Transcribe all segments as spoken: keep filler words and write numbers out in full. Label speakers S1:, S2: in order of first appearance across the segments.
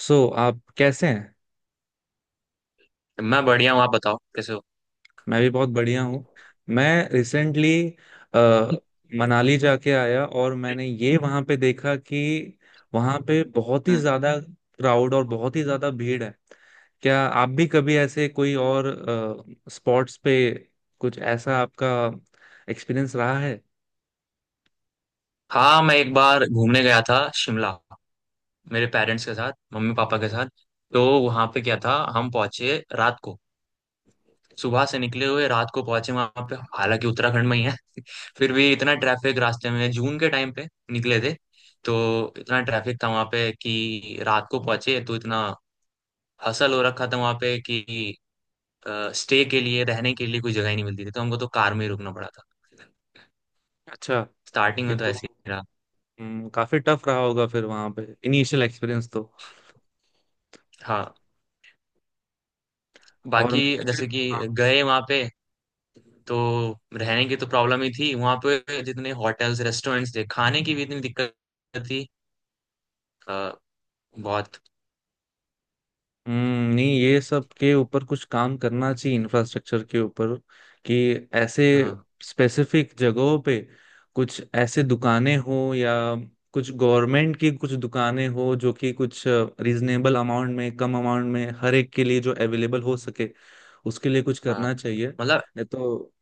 S1: सो so, आप कैसे हैं।
S2: मैं बढ़िया हूँ। आप बताओ, कैसे हो?
S1: मैं भी बहुत बढ़िया हूँ। मैं रिसेंटली मनाली जाके आया, और मैंने ये वहाँ पे देखा कि वहाँ पे बहुत ही
S2: हम्म।
S1: ज़्यादा क्राउड और बहुत ही ज़्यादा भीड़ है। क्या आप भी कभी ऐसे कोई और स्पॉट्स पे कुछ ऐसा आपका एक्सपीरियंस रहा है?
S2: हाँ, मैं एक बार घूमने गया था शिमला। मेरे पेरेंट्स के साथ, मम्मी पापा के साथ। तो वहाँ पे क्या था, हम पहुंचे रात को। सुबह से निकले हुए रात को पहुंचे वहाँ पे, हालांकि उत्तराखंड में ही है। फिर भी इतना ट्रैफिक रास्ते में, जून के टाइम पे निकले थे। तो इतना ट्रैफिक था वहाँ पे कि रात को पहुंचे तो इतना हसल हो रखा था वहाँ पे कि स्टे के लिए, रहने के लिए कोई जगह ही नहीं मिलती थी, तो हमको तो कार में ही रुकना पड़ा था।
S1: अच्छा।
S2: स्टार्टिंग
S1: ये
S2: में तो
S1: तो
S2: ऐसे ही रहा।
S1: हम्म, काफी टफ रहा होगा फिर वहां पे, इनिशियल एक्सपीरियंस तो।
S2: हाँ,
S1: और
S2: बाकी
S1: मुझे,
S2: जैसे कि
S1: हाँ,
S2: गए वहां पे तो रहने की तो प्रॉब्लम ही थी वहां पे। जितने होटल्स रेस्टोरेंट्स थे, खाने की भी इतनी दिक्कत थी। अ, बहुत।
S1: हम्म नहीं, ये सब के ऊपर कुछ काम करना चाहिए, इंफ्रास्ट्रक्चर के ऊपर। कि ऐसे
S2: हाँ,
S1: स्पेसिफिक जगहों पे कुछ ऐसे दुकानें हो, या कुछ गवर्नमेंट की कुछ दुकानें हो जो कि कुछ रीजनेबल अमाउंट में, कम अमाउंट में हर एक के लिए जो अवेलेबल हो सके। उसके लिए कुछ
S2: हाँ,
S1: करना चाहिए,
S2: मतलब
S1: नहीं तो।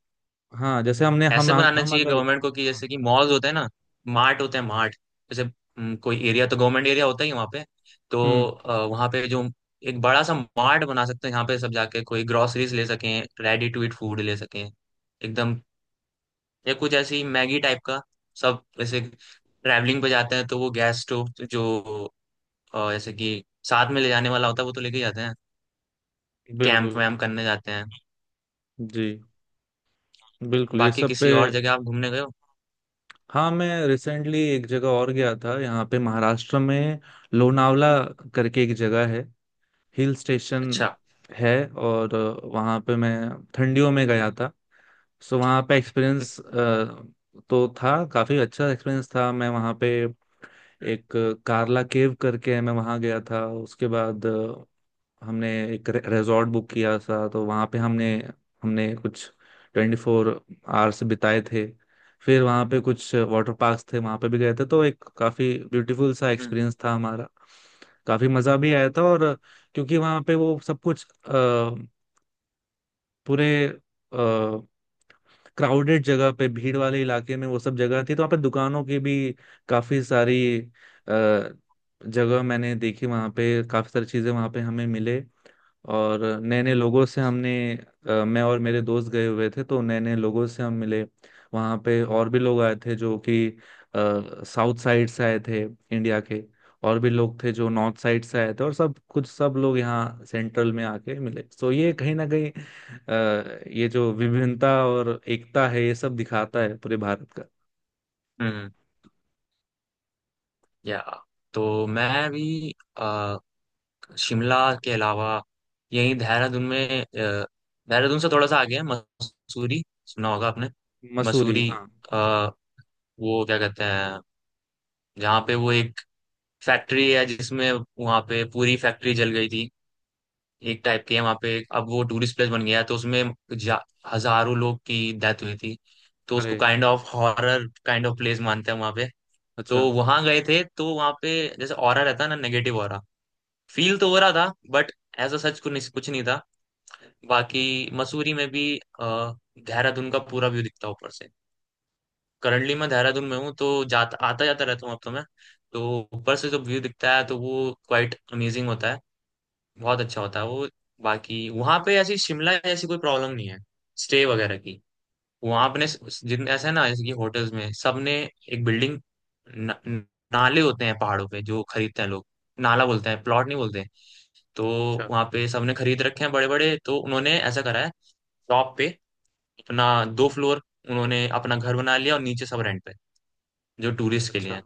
S1: हाँ, जैसे हमने हम
S2: ऐसे बनाना
S1: हम
S2: चाहिए
S1: अगर।
S2: गवर्नमेंट को कि
S1: हम्म,
S2: जैसे कि मॉल्स होते हैं ना, मार्ट होते हैं मार्ट जैसे। हम्म, कोई एरिया तो गवर्नमेंट एरिया होता ही है वहाँ पे। तो
S1: हम्म,
S2: आ, वहाँ पे जो एक बड़ा सा मार्ट बना सकते हैं, यहाँ पे सब जाके कोई ग्रोसरीज ले सकें, रेडी टू ईट फूड ले सकें एकदम। या कुछ ऐसी मैगी टाइप का सब, जैसे ट्रैवलिंग पे जाते हैं तो वो गैस स्टोव जो अ, जैसे कि साथ में ले जाने वाला होता है, वो तो लेके जाते हैं। कैंप
S1: बिल्कुल।
S2: वैम्प करने जाते हैं।
S1: जी, बिल्कुल, ये
S2: बाकी
S1: सब पे।
S2: किसी और जगह आप घूमने गए हो?
S1: हाँ, मैं रिसेंटली एक जगह और गया था यहाँ पे महाराष्ट्र में। लोनावला करके एक जगह है, हिल स्टेशन
S2: अच्छा।
S1: है, और अ, वहाँ पे मैं ठंडियों में गया था। सो वहाँ पे एक्सपीरियंस तो था काफ़ी अच्छा, एक्सपीरियंस था मैं वहाँ पे।
S2: हम्म।
S1: एक अ, कार्ला केव करके है, मैं वहाँ गया था। उसके बाद हमने एक रिजॉर्ट बुक किया था, तो वहाँ पे हमने, हमने कुछ ट्वेंटी फोर आवर्स बिताए थे। फिर वहाँ पे कुछ वाटर पार्क्स थे, वहाँ पे भी गए थे, तो एक काफ़ी ब्यूटीफुल सा
S2: हम्म।
S1: एक्सपीरियंस था हमारा। काफ़ी मज़ा भी आया था, और क्योंकि वहाँ पे वो सब कुछ अ, पूरे क्राउडेड जगह पे, भीड़ वाले इलाके में वो सब जगह थी, तो वहाँ पे दुकानों की भी काफ़ी सारी अ, जगह मैंने देखी। वहाँ पे काफ़ी सारी चीज़ें वहाँ पे हमें मिले, और नए नए लोगों से हमने, अ, मैं और मेरे दोस्त गए हुए थे, तो नए नए लोगों से हम मिले। वहाँ पे और भी लोग आए थे जो कि अ, साउथ साइड से आए थे, इंडिया के। और भी लोग थे जो नॉर्थ साइड से आए थे, और सब कुछ, सब लोग यहाँ सेंट्रल में आके मिले। तो ये
S2: हम्म।
S1: कहीं ना कहीं अ, ये जो विभिन्नता और एकता है, ये सब दिखाता है पूरे भारत का।
S2: हम्म। या तो मैं भी अ, शिमला के अलावा यही देहरादून में, अ, देहरादून से थोड़ा सा आगे है मसूरी, सुना होगा आपने?
S1: मसूरी,
S2: मसूरी।
S1: हाँ।
S2: अ, वो क्या कहते हैं, जहाँ पे वो एक फैक्ट्री है जिसमें, वहां पे पूरी फैक्ट्री जल गई थी। एक टाइप की है वहां पे, अब वो टूरिस्ट प्लेस बन गया है, तो उसमें जा- हजारों लोग की डेथ हुई थी। तो उसको
S1: अरे,
S2: kind of horror kind of place मानते हैं वहां पे। तो
S1: अच्छा।
S2: वहां गए थे, तो वहां पे जैसे ऑरा रहता है ना, नेगेटिव ऑरा, फील तो हो रहा था। बट ऐसा सच कुछ कुछ नहीं था। बाकी मसूरी में भी अ, देहरादून का पूरा व्यू दिखता है ऊपर से। करंटली मैं देहरादून में हूँ, तो जाता आता जाता रहता हूँ अब तो मैं। तो ऊपर से जब व्यू दिखता है तो वो क्वाइट अमेजिंग होता है, बहुत अच्छा होता है वो। बाकी वहां पे ऐसी शिमला जैसी कोई प्रॉब्लम नहीं है, स्टे वगैरह की। वहां अपने जितने ऐसा है ना, जैसे कि होटल्स में सबने एक बिल्डिंग, न, न- नाले होते हैं पहाड़ों पे जो खरीदते हैं लोग। नाला बोलते हैं, प्लॉट नहीं बोलते हैं। तो
S1: अच्छा।
S2: वहां पे सबने खरीद रखे हैं बड़े बड़े, तो उन्होंने ऐसा करा है टॉप पे अपना दो फ्लोर, उन्होंने अपना घर बना लिया और नीचे सब रेंट पे जो टूरिस्ट के लिए
S1: अच्छा,
S2: है।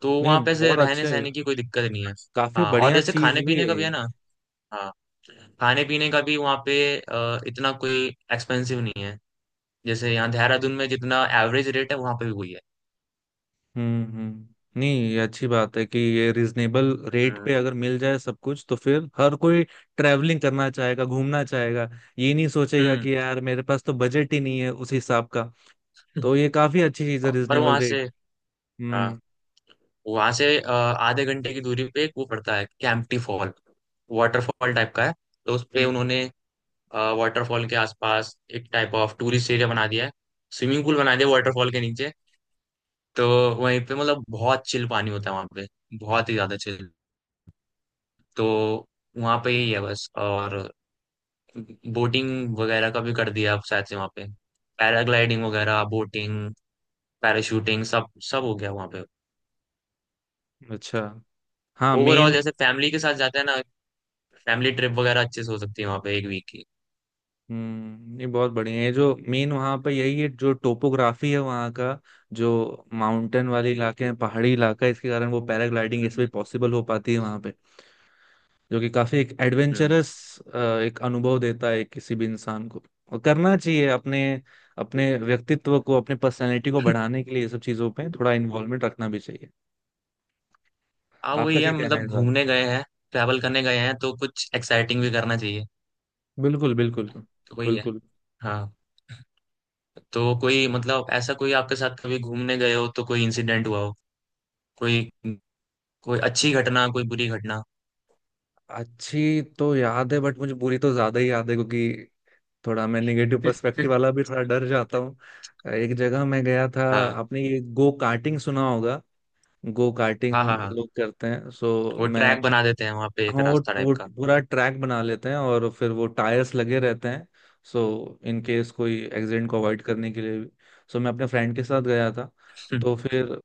S2: तो
S1: नहीं,
S2: वहां पे ऐसे
S1: बहुत
S2: रहने
S1: अच्छे।
S2: सहने की कोई दिक्कत नहीं है।
S1: काफी
S2: हाँ, और
S1: बढ़िया
S2: जैसे
S1: चीज
S2: खाने
S1: भी
S2: पीने
S1: है
S2: का भी
S1: ये।
S2: है ना। हाँ, खाने पीने का भी वहाँ पे अ, इतना कोई एक्सपेंसिव नहीं है। जैसे यहाँ देहरादून में जितना एवरेज रेट है वहाँ पे भी वही है।
S1: हम्म, हम्म, नहीं, ये अच्छी बात है कि ये रिजनेबल रेट
S2: हम्म।
S1: पे अगर मिल जाए सब कुछ, तो फिर हर कोई ट्रैवलिंग करना चाहेगा, घूमना चाहेगा। ये नहीं सोचेगा
S2: हम्म।
S1: कि यार, मेरे पास तो बजट ही नहीं है उस हिसाब का। तो ये काफी अच्छी चीज है,
S2: और
S1: रिजनेबल
S2: वहाँ
S1: रेट।
S2: से, हाँ,
S1: हम्म,
S2: वहाँ से अ, आधे घंटे की दूरी पे एक वो पड़ता है कैंपटी फॉल। वाटरफॉल टाइप का है। तो उस पे
S1: हम्म,
S2: उन्होंने वाटरफॉल के आसपास एक टाइप ऑफ टूरिस्ट एरिया बना दिया है। स्विमिंग पूल बना दिया वाटरफॉल के नीचे। तो वहीं पे मतलब बहुत चिल पानी होता है वहाँ पे, बहुत ही ज्यादा चिल। तो वहाँ पे यही है बस। और बोटिंग वगैरह का भी कर दिया आप शायद से वहाँ पे, पैराग्लाइडिंग वगैरह, बोटिंग, पैराशूटिंग, सब सब हो गया वहाँ पे।
S1: हम्म। अच्छा। हाँ,
S2: ओवरऑल
S1: मेन,
S2: जैसे फैमिली के साथ जाते हैं ना, फैमिली ट्रिप वगैरह अच्छे से हो सकती है वहाँ पे एक वीक की।
S1: हम्म ये बहुत बढ़िया है, जो मेन वहाँ पे यही है, जो टोपोग्राफी है वहाँ का। जो माउंटेन वाले इलाके हैं, पहाड़ी इलाका है, इसके कारण वो पैराग्लाइडिंग, ये सभी
S2: हम्म।
S1: पॉसिबल हो पाती है वहाँ पे। जो कि काफी एक
S2: हम्म।
S1: एडवेंचरस एक अनुभव देता है किसी भी इंसान को। और करना चाहिए अपने, अपने व्यक्तित्व को, अपने पर्सनैलिटी को बढ़ाने के लिए, ये सब चीजों पे थोड़ा इन्वॉल्वमेंट रखना भी चाहिए।
S2: अब
S1: आपका
S2: वही
S1: क्या
S2: है,
S1: कहना है
S2: मतलब
S1: इस बारे में?
S2: घूमने गए हैं, ट्रैवल करने गए हैं तो कुछ एक्साइटिंग भी करना चाहिए।
S1: बिल्कुल, बिल्कुल।
S2: तो कोई है?
S1: बिल्कुल।
S2: हाँ, तो कोई मतलब ऐसा कोई आपके साथ कभी घूमने गए हो तो कोई इंसिडेंट हुआ हो, कोई कोई अच्छी घटना, कोई बुरी घटना?
S1: अच्छी तो याद है, बट मुझे बुरी तो ज्यादा ही याद है, क्योंकि थोड़ा मैं निगेटिव पर्सपेक्टिव वाला भी, थोड़ा डर जाता हूँ। एक जगह मैं गया था।
S2: हाँ,
S1: आपने ये गो कार्टिंग सुना होगा, गो
S2: हाँ, हाँ।
S1: कार्टिंग
S2: हाँ,
S1: लोग करते हैं, सो
S2: वो
S1: मैं,
S2: ट्रैक बना देते हैं वहां पे एक
S1: हाँ, वो
S2: रास्ता टाइप
S1: वो
S2: का।
S1: पूरा ट्रैक बना लेते हैं, और फिर वो टायर्स लगे रहते हैं। सो इन केस कोई एक्सीडेंट को अवॉइड करने के लिए भी। सो मैं अपने फ्रेंड के साथ गया था,
S2: हम्म।
S1: तो फिर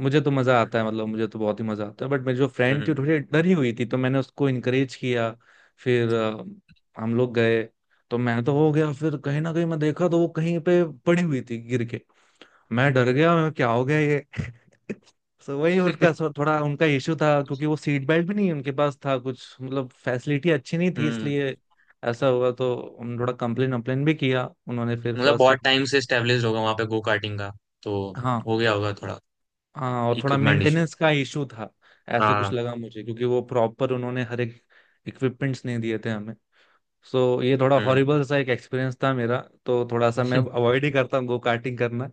S1: मुझे तो मज़ा आता है, मतलब मुझे तो बहुत ही मज़ा आता है, बट मेरी जो फ्रेंड थी
S2: हम्म।
S1: वो थोड़ी डरी हुई थी, तो मैंने उसको इनकरेज किया। फिर अ, हम लोग गए, तो मैं तो हो गया, फिर कहीं ना कहीं मैं देखा तो वो कहीं पे पड़ी हुई थी गिर के। मैं डर गया, मैं, क्या हो गया ये? सो वही उनका, सो थोड़ा उनका इशू था, क्योंकि वो सीट बेल्ट भी नहीं उनके पास था कुछ, मतलब फैसिलिटी अच्छी नहीं थी,
S2: हम्म।
S1: इसलिए ऐसा हुआ। तो उन्होंने थोड़ा कंप्लेन अम्प्लेन भी किया, उन्होंने फिर
S2: मतलब
S1: फर्स्ट
S2: बहुत
S1: एड।
S2: टाइम से स्टेब्लिश होगा वहां पे गो कार्टिंग का, तो
S1: हाँ।
S2: हो गया होगा थोड़ा
S1: हाँ, और थोड़ा
S2: इक्विपमेंट इशू।
S1: मेंटेनेंस का इशू था, ऐसा कुछ
S2: हाँ।
S1: लगा मुझे, क्योंकि वो प्रॉपर उन्होंने हर एक इक्विपमेंट्स नहीं दिए थे हमें। सो ये थोड़ा
S2: हम्म।
S1: हॉरिबल सा एक एक्सपीरियंस था मेरा, तो थोड़ा सा मैं अवॉइड ही करता हूँ गो कार्टिंग करना।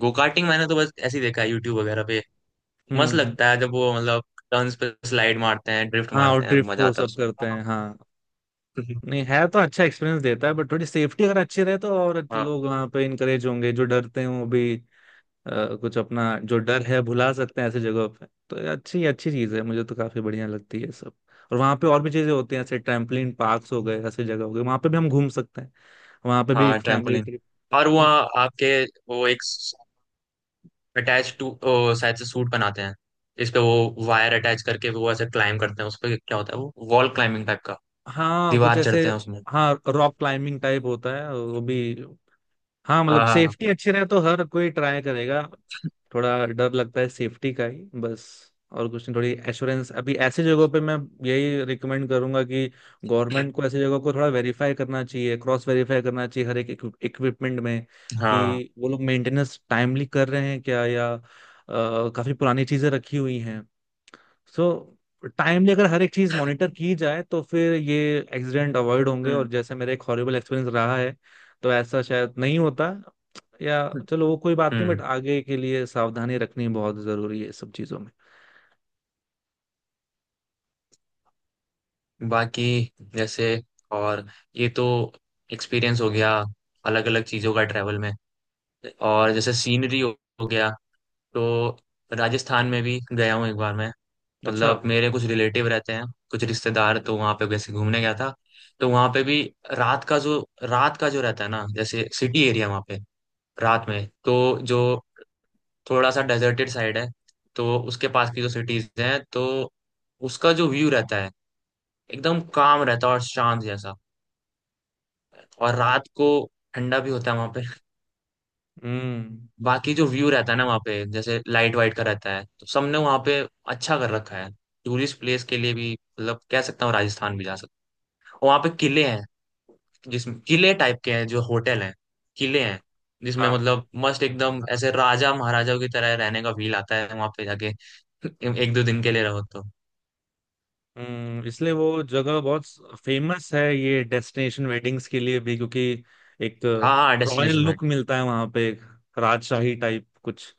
S2: गो कार्टिंग मैंने तो बस ऐसे ही देखा है यूट्यूब वगैरह पे। मस्त
S1: हम्म, हम्म,
S2: लगता है जब वो मतलब टर्न्स पे स्लाइड मारते हैं, ड्रिफ्ट
S1: हाँ, और
S2: मारते हैं,
S1: ड्रिफ्ट
S2: मजा
S1: वो
S2: आता है
S1: सब करते
S2: उसमें।
S1: हैं, हाँ। नहीं है तो अच्छा एक्सपीरियंस देता है, बट थोड़ी सेफ्टी अगर अच्छी रहे, तो और
S2: हाँ।
S1: लोग वहाँ पे इनकरेज होंगे, जो डरते हैं वो भी अ, कुछ अपना जो डर है भुला सकते हैं ऐसे जगहों पे। तो ये अच्छी अच्छी चीज़ है, मुझे तो काफ़ी बढ़िया लगती है सब। और वहाँ पे और भी चीज़ें होती हैं, ऐसे ट्रैम्पलिन
S2: हम्म।
S1: पार्क्स हो गए, ऐसे जगह हो गए, वहाँ पे भी हम घूम सकते हैं। वहाँ पे भी
S2: हाँ,
S1: एक फैमिली
S2: ट्रैम्पोलिन।
S1: ट्रिप।
S2: और वो आपके, वो एक अटैच टू शायद से सूट बनाते हैं, इस पे वो वायर अटैच करके वो ऐसे क्लाइम करते हैं उस पे। क्या होता है वो वॉल क्लाइंबिंग टाइप का,
S1: हाँ, कुछ
S2: दीवार
S1: ऐसे।
S2: चढ़ते हैं उसमें।
S1: हाँ, रॉक क्लाइंबिंग टाइप होता है वो भी। हाँ, मतलब
S2: हाँ।
S1: सेफ्टी अच्छी रहे तो हर कोई ट्राई करेगा। थोड़ा डर लगता है, सेफ्टी का ही बस, और कुछ नहीं। थोड़ी एश्योरेंस अभी ऐसी जगहों पे मैं यही रिकमेंड करूंगा, कि गवर्नमेंट को ऐसी जगहों को थोड़ा वेरीफाई करना चाहिए, क्रॉस वेरीफाई करना चाहिए हर एक इक्विपमेंट में,
S2: हाँ।
S1: कि वो लोग मेंटेनेंस टाइमली कर रहे हैं क्या, या अ, काफी पुरानी चीजें रखी हुई हैं। सो टाइमली अगर हर एक चीज मॉनिटर की जाए, तो फिर ये एक्सीडेंट अवॉइड होंगे,
S2: हम्म।
S1: और जैसे मेरा एक हॉरिबल एक्सपीरियंस रहा है, तो ऐसा शायद नहीं होता, या।
S2: हम्म।
S1: चलो, वो कोई बात नहीं, बट
S2: हम्म।
S1: आगे के लिए सावधानी रखनी बहुत जरूरी है सब चीजों में।
S2: बाकी जैसे, और ये तो एक्सपीरियंस हो गया अलग अलग चीज़ों का ट्रैवल में। और जैसे सीनरी हो, हो गया। तो राजस्थान में भी गया हूँ एक बार मैं,
S1: अच्छा।
S2: मतलब मेरे कुछ रिलेटिव रहते हैं, कुछ रिश्तेदार, तो वहाँ पे वैसे घूमने गया था। तो वहाँ पे भी रात का जो रात का जो रहता है ना, जैसे सिटी एरिया वहाँ पे, रात में तो जो थोड़ा सा डेजर्टेड साइड है, तो उसके पास की जो सिटीज हैं, तो उसका जो व्यू रहता है, एकदम काम रहता है और शांत जैसा। और रात को ठंडा भी होता है वहां पे।
S1: हम्म।
S2: बाकी जो व्यू रहता है ना वहाँ पे, जैसे लाइट वाइट का रहता है, तो सबने वहाँ पे अच्छा कर रखा है। टूरिस्ट प्लेस के लिए भी, मतलब कह सकता हूँ राजस्थान भी जा सकता हूँ। वहाँ पे किले हैं, जिसमें किले टाइप के हैं जो होटल हैं, किले हैं, जिसमें
S1: हाँ।
S2: मतलब मस्त, एकदम ऐसे राजा महाराजाओं की तरह रहने का फील आता है वहां पे जाके एक दो दिन के लिए रहो तो।
S1: हम्म, इसलिए वो जगह बहुत फेमस है, ये डेस्टिनेशन वेडिंग्स के लिए भी, क्योंकि एक
S2: हाँ, हाँ,
S1: रॉयल
S2: डेस्टिनेशन
S1: लुक
S2: वेडिंग।
S1: मिलता है वहां पे, एक राजशाही टाइप कुछ।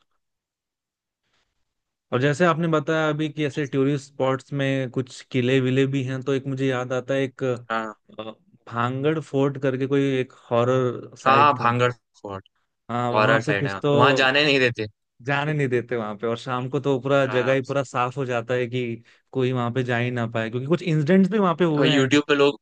S1: और जैसे आपने बताया अभी कि ऐसे टूरिस्ट स्पॉट्स में कुछ किले विले भी हैं, तो एक मुझे याद आता है, एक
S2: हाँ,
S1: अ, भांगड़ फोर्ट करके कोई एक हॉरर
S2: हाँ, हाँ,
S1: साइट था।
S2: भांगड़ फोर्ट।
S1: हाँ, वहां
S2: हॉरर
S1: पे
S2: साइड है,
S1: कुछ तो,
S2: वहां जाने नहीं देते।
S1: जाने नहीं देते वहां पे। और शाम को तो पूरा जगह
S2: हाँ,
S1: ही पूरा साफ हो जाता है, कि कोई वहां पे जा ही ना पाए, क्योंकि कुछ इंसिडेंट्स भी वहां पे
S2: और
S1: हुए हैं।
S2: यूट्यूब पे लोग,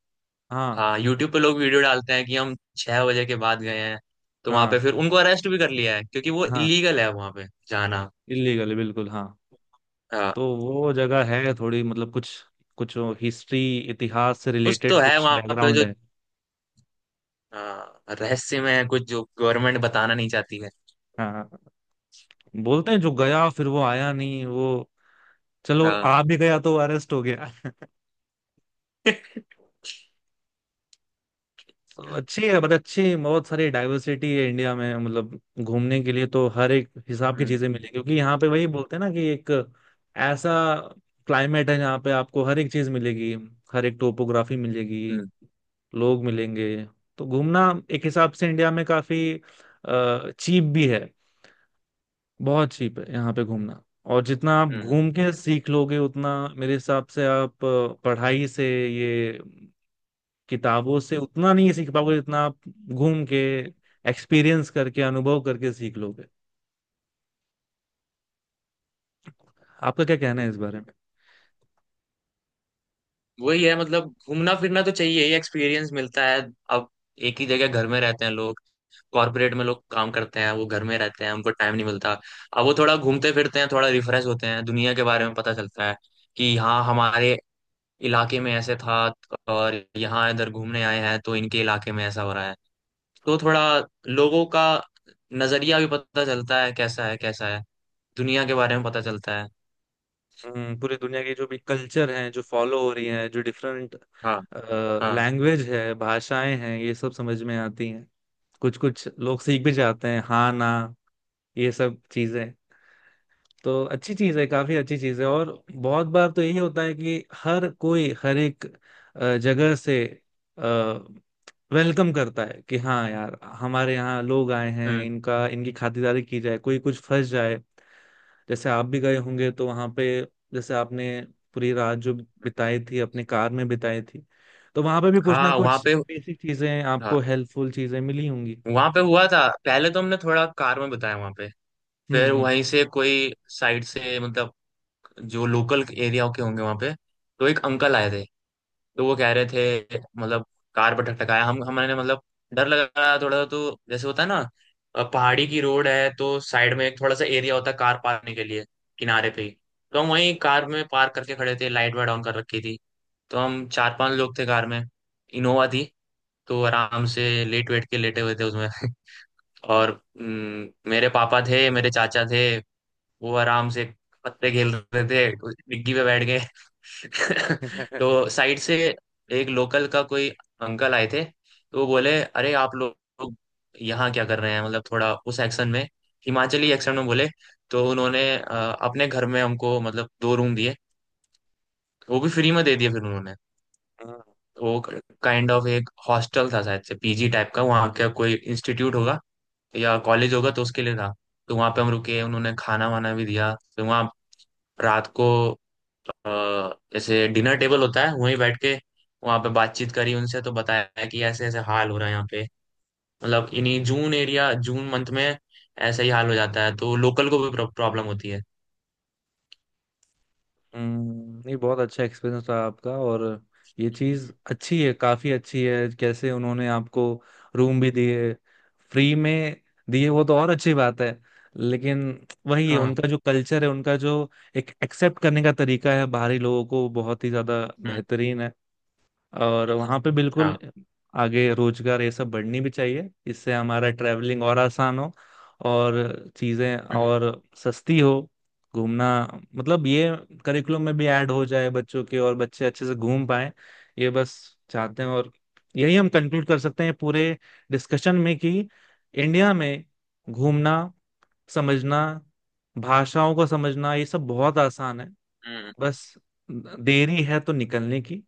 S1: हाँ।
S2: हाँ, यूट्यूब पे लोग वीडियो डालते हैं कि हम छह बजे के बाद गए हैं, तो वहां पे
S1: हाँ।
S2: फिर उनको अरेस्ट भी कर लिया है क्योंकि वो
S1: हाँ,
S2: इलीगल है वहां पे जाना।
S1: इलीगल, बिल्कुल, हाँ।
S2: हाँ,
S1: तो वो जगह है थोड़ी, मतलब कुछ कुछ हिस्ट्री, इतिहास से
S2: कुछ
S1: रिलेटेड
S2: तो है
S1: कुछ
S2: वहां पे
S1: बैकग्राउंड
S2: जो,
S1: है।
S2: हाँ, रहस्य में है, कुछ जो गवर्नमेंट बताना नहीं चाहती है।
S1: हाँ। हाँ। बोलते हैं जो गया फिर वो आया नहीं, वो, चलो
S2: हाँ।
S1: आ भी गया तो अरेस्ट हो गया। तो अच्छी है, बट अच्छी बहुत सारी डाइवर्सिटी है इंडिया में, मतलब घूमने के लिए तो हर एक हिसाब की
S2: हम्म।
S1: चीजें मिलेगी, क्योंकि यहाँ पे वही बोलते हैं ना, कि एक ऐसा क्लाइमेट है जहाँ पे आपको हर एक चीज मिलेगी, हर एक टोपोग्राफी मिलेगी,
S2: हम्म।
S1: लोग मिलेंगे। तो घूमना एक हिसाब से इंडिया में काफी चीप भी है, बहुत चीप है यहाँ पे घूमना। और जितना आप
S2: हम्म।
S1: घूम के सीख लोगे, उतना मेरे हिसाब से आप अ, पढ़ाई से ये, किताबों से उतना नहीं सीख पाओगे, जितना आप घूम के, एक्सपीरियंस करके, अनुभव करके सीख लोगे। आपका क्या कहना है इस बारे में?
S2: वही है, मतलब घूमना फिरना तो चाहिए ही, एक्सपीरियंस मिलता है। अब एक ही जगह घर में रहते हैं लोग, कॉर्पोरेट में लोग काम करते हैं, वो घर में रहते हैं, उनको टाइम नहीं मिलता। अब वो थोड़ा घूमते फिरते हैं, थोड़ा रिफ्रेश होते हैं, दुनिया के बारे में पता चलता है कि हाँ, हमारे इलाके में ऐसे था, और यहाँ इधर घूमने आए हैं तो इनके इलाके में ऐसा हो रहा है। तो थोड़ा लोगों का नजरिया भी पता चलता है कैसा है कैसा है, दुनिया के बारे में पता चलता है।
S1: हम्म, पूरी दुनिया की जो भी कल्चर हैं, जो फॉलो हो रही हैं, जो डिफरेंट
S2: हाँ। हाँ।
S1: लैंग्वेज है, भाषाएं हैं, ये सब समझ में आती हैं। कुछ कुछ लोग सीख भी जाते हैं, हाँ ना, ये सब चीजें। तो अच्छी चीज है, काफी अच्छी चीज है, और बहुत बार तो यही होता है कि हर कोई हर एक अ, जगह से वेलकम करता है, कि हाँ यार, हमारे यहाँ लोग आए हैं,
S2: हम्म।
S1: इनका, इनकी खातिरदारी की जाए, कोई कुछ फंस जाए। जैसे आप भी गए होंगे तो वहां पे, जैसे आपने पूरी रात जो बिताई थी अपने कार में बिताई थी, तो वहां पे भी कुछ ना
S2: हाँ, वहाँ
S1: कुछ
S2: पे,
S1: बेसिक चीजें, आपको
S2: हाँ,
S1: हेल्पफुल चीजें मिली होंगी।
S2: वहाँ पे हुआ था, पहले तो हमने थोड़ा कार में बताया वहाँ पे। फिर
S1: हम्म,
S2: वहीं से कोई साइड से, मतलब जो लोकल एरिया के होंगे वहाँ पे, तो एक अंकल आए थे, तो वो कह रहे थे, मतलब कार पर ठटकाया। हम हमारे, मतलब डर लग रहा था थोड़ा सा, तो जैसे होता है ना, अ, पहाड़ी की रोड है तो साइड में एक थोड़ा सा एरिया होता है कार पार्क करने के लिए, किनारे पे ही। तो हम वहीं कार में पार्क करके खड़े थे, लाइट वाइट ऑन कर रखी थी। तो हम चार पांच लोग थे कार में, इनोवा थी। तो आराम से लेट वेट के लेटे हुए थे उसमें। और हम्म, मेरे पापा थे, मेरे चाचा थे, वो आराम से पत्ते खेल रहे थे, डिग्गी पे बैठ गए।
S1: हम्म।
S2: तो साइड से एक लोकल का कोई अंकल आए थे, तो वो बोले अरे आप लोग यहाँ क्या कर रहे हैं, मतलब थोड़ा उस एक्शन में, हिमाचली एक्शन में बोले। तो उन्होंने अ, अपने घर में हमको, मतलब दो रूम दिए, वो भी फ्री में दे दिए फिर उन्होंने। वो काइंड ऑफ एक हॉस्टल था शायद से, पी जी टाइप का, वहाँ का कोई इंस्टीट्यूट होगा या कॉलेज होगा तो उसके लिए था। तो वहाँ पे हम रुके, उन्होंने खाना वाना भी दिया। फिर वहाँ रात को अ, ऐसे डिनर टेबल होता है, वहीं बैठ के वहां पे बातचीत करी उनसे। तो बताया कि ऐसे ऐसे हाल हो रहा है यहाँ पे, मतलब इन्हीं जून एरिया, जून मंथ में ऐसा ही हाल हो जाता है, तो लोकल को भी प्रॉब्लम होती है।
S1: हम्म, नहीं, बहुत अच्छा एक्सपीरियंस रहा आपका। और ये चीज़ अच्छी है, काफ़ी अच्छी है, कैसे उन्होंने आपको रूम भी दिए, फ्री में दिए, वो तो और अच्छी बात है। लेकिन वही है,
S2: हाँ।
S1: उनका जो कल्चर है, उनका जो एक एक्सेप्ट करने का तरीका है बाहरी लोगों को, बहुत ही ज़्यादा
S2: हम्म।
S1: बेहतरीन है। और वहाँ पे बिल्कुल
S2: हाँ।
S1: आगे रोजगार, ये सब बढ़नी भी चाहिए, इससे हमारा ट्रैवलिंग और आसान हो, और चीज़ें
S2: हम्म।
S1: और सस्ती हो। घूमना, मतलब ये करिकुलम में भी ऐड हो जाए बच्चों के, और बच्चे अच्छे से घूम पाए, ये बस चाहते हैं। और यही हम कंक्लूड कर सकते हैं पूरे डिस्कशन में, कि इंडिया में घूमना, समझना, भाषाओं को समझना, ये सब बहुत आसान है।
S2: हम्म।
S1: बस देरी है तो निकलने की,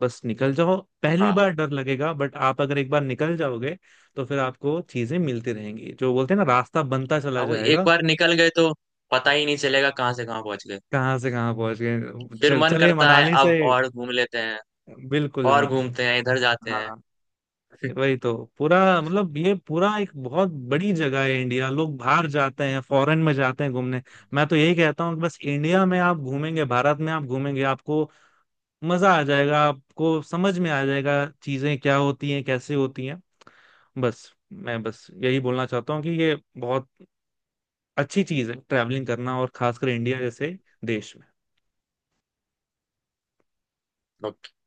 S1: बस निकल जाओ। पहली
S2: हाँ।
S1: बार डर लगेगा, बट आप अगर एक बार निकल जाओगे, तो फिर आपको चीजें मिलती रहेंगी, जो बोलते हैं ना, रास्ता बनता चला
S2: अब वो एक
S1: जाएगा।
S2: बार निकल गए तो पता ही नहीं चलेगा कहाँ से कहाँ पहुंच गए।
S1: कहाँ से कहाँ पहुंच गए,
S2: फिर
S1: चल
S2: मन
S1: चले
S2: करता है
S1: मनाली से।
S2: अब और घूम लेते हैं,
S1: बिल्कुल,
S2: और घूमते हैं, इधर जाते हैं।
S1: हाँ, वही तो। पूरा मतलब ये पूरा एक बहुत बड़ी जगह है इंडिया। लोग बाहर जाते हैं, फॉरेन में जाते हैं घूमने, मैं तो यही कहता हूँ कि बस इंडिया में आप घूमेंगे, भारत में आप घूमेंगे, आपको मजा आ जाएगा, आपको समझ में आ जाएगा चीजें क्या होती हैं, कैसे होती हैं। बस मैं बस यही बोलना चाहता हूँ, कि ये बहुत अच्छी चीज है ट्रैवलिंग करना, और खासकर इंडिया जैसे देश में।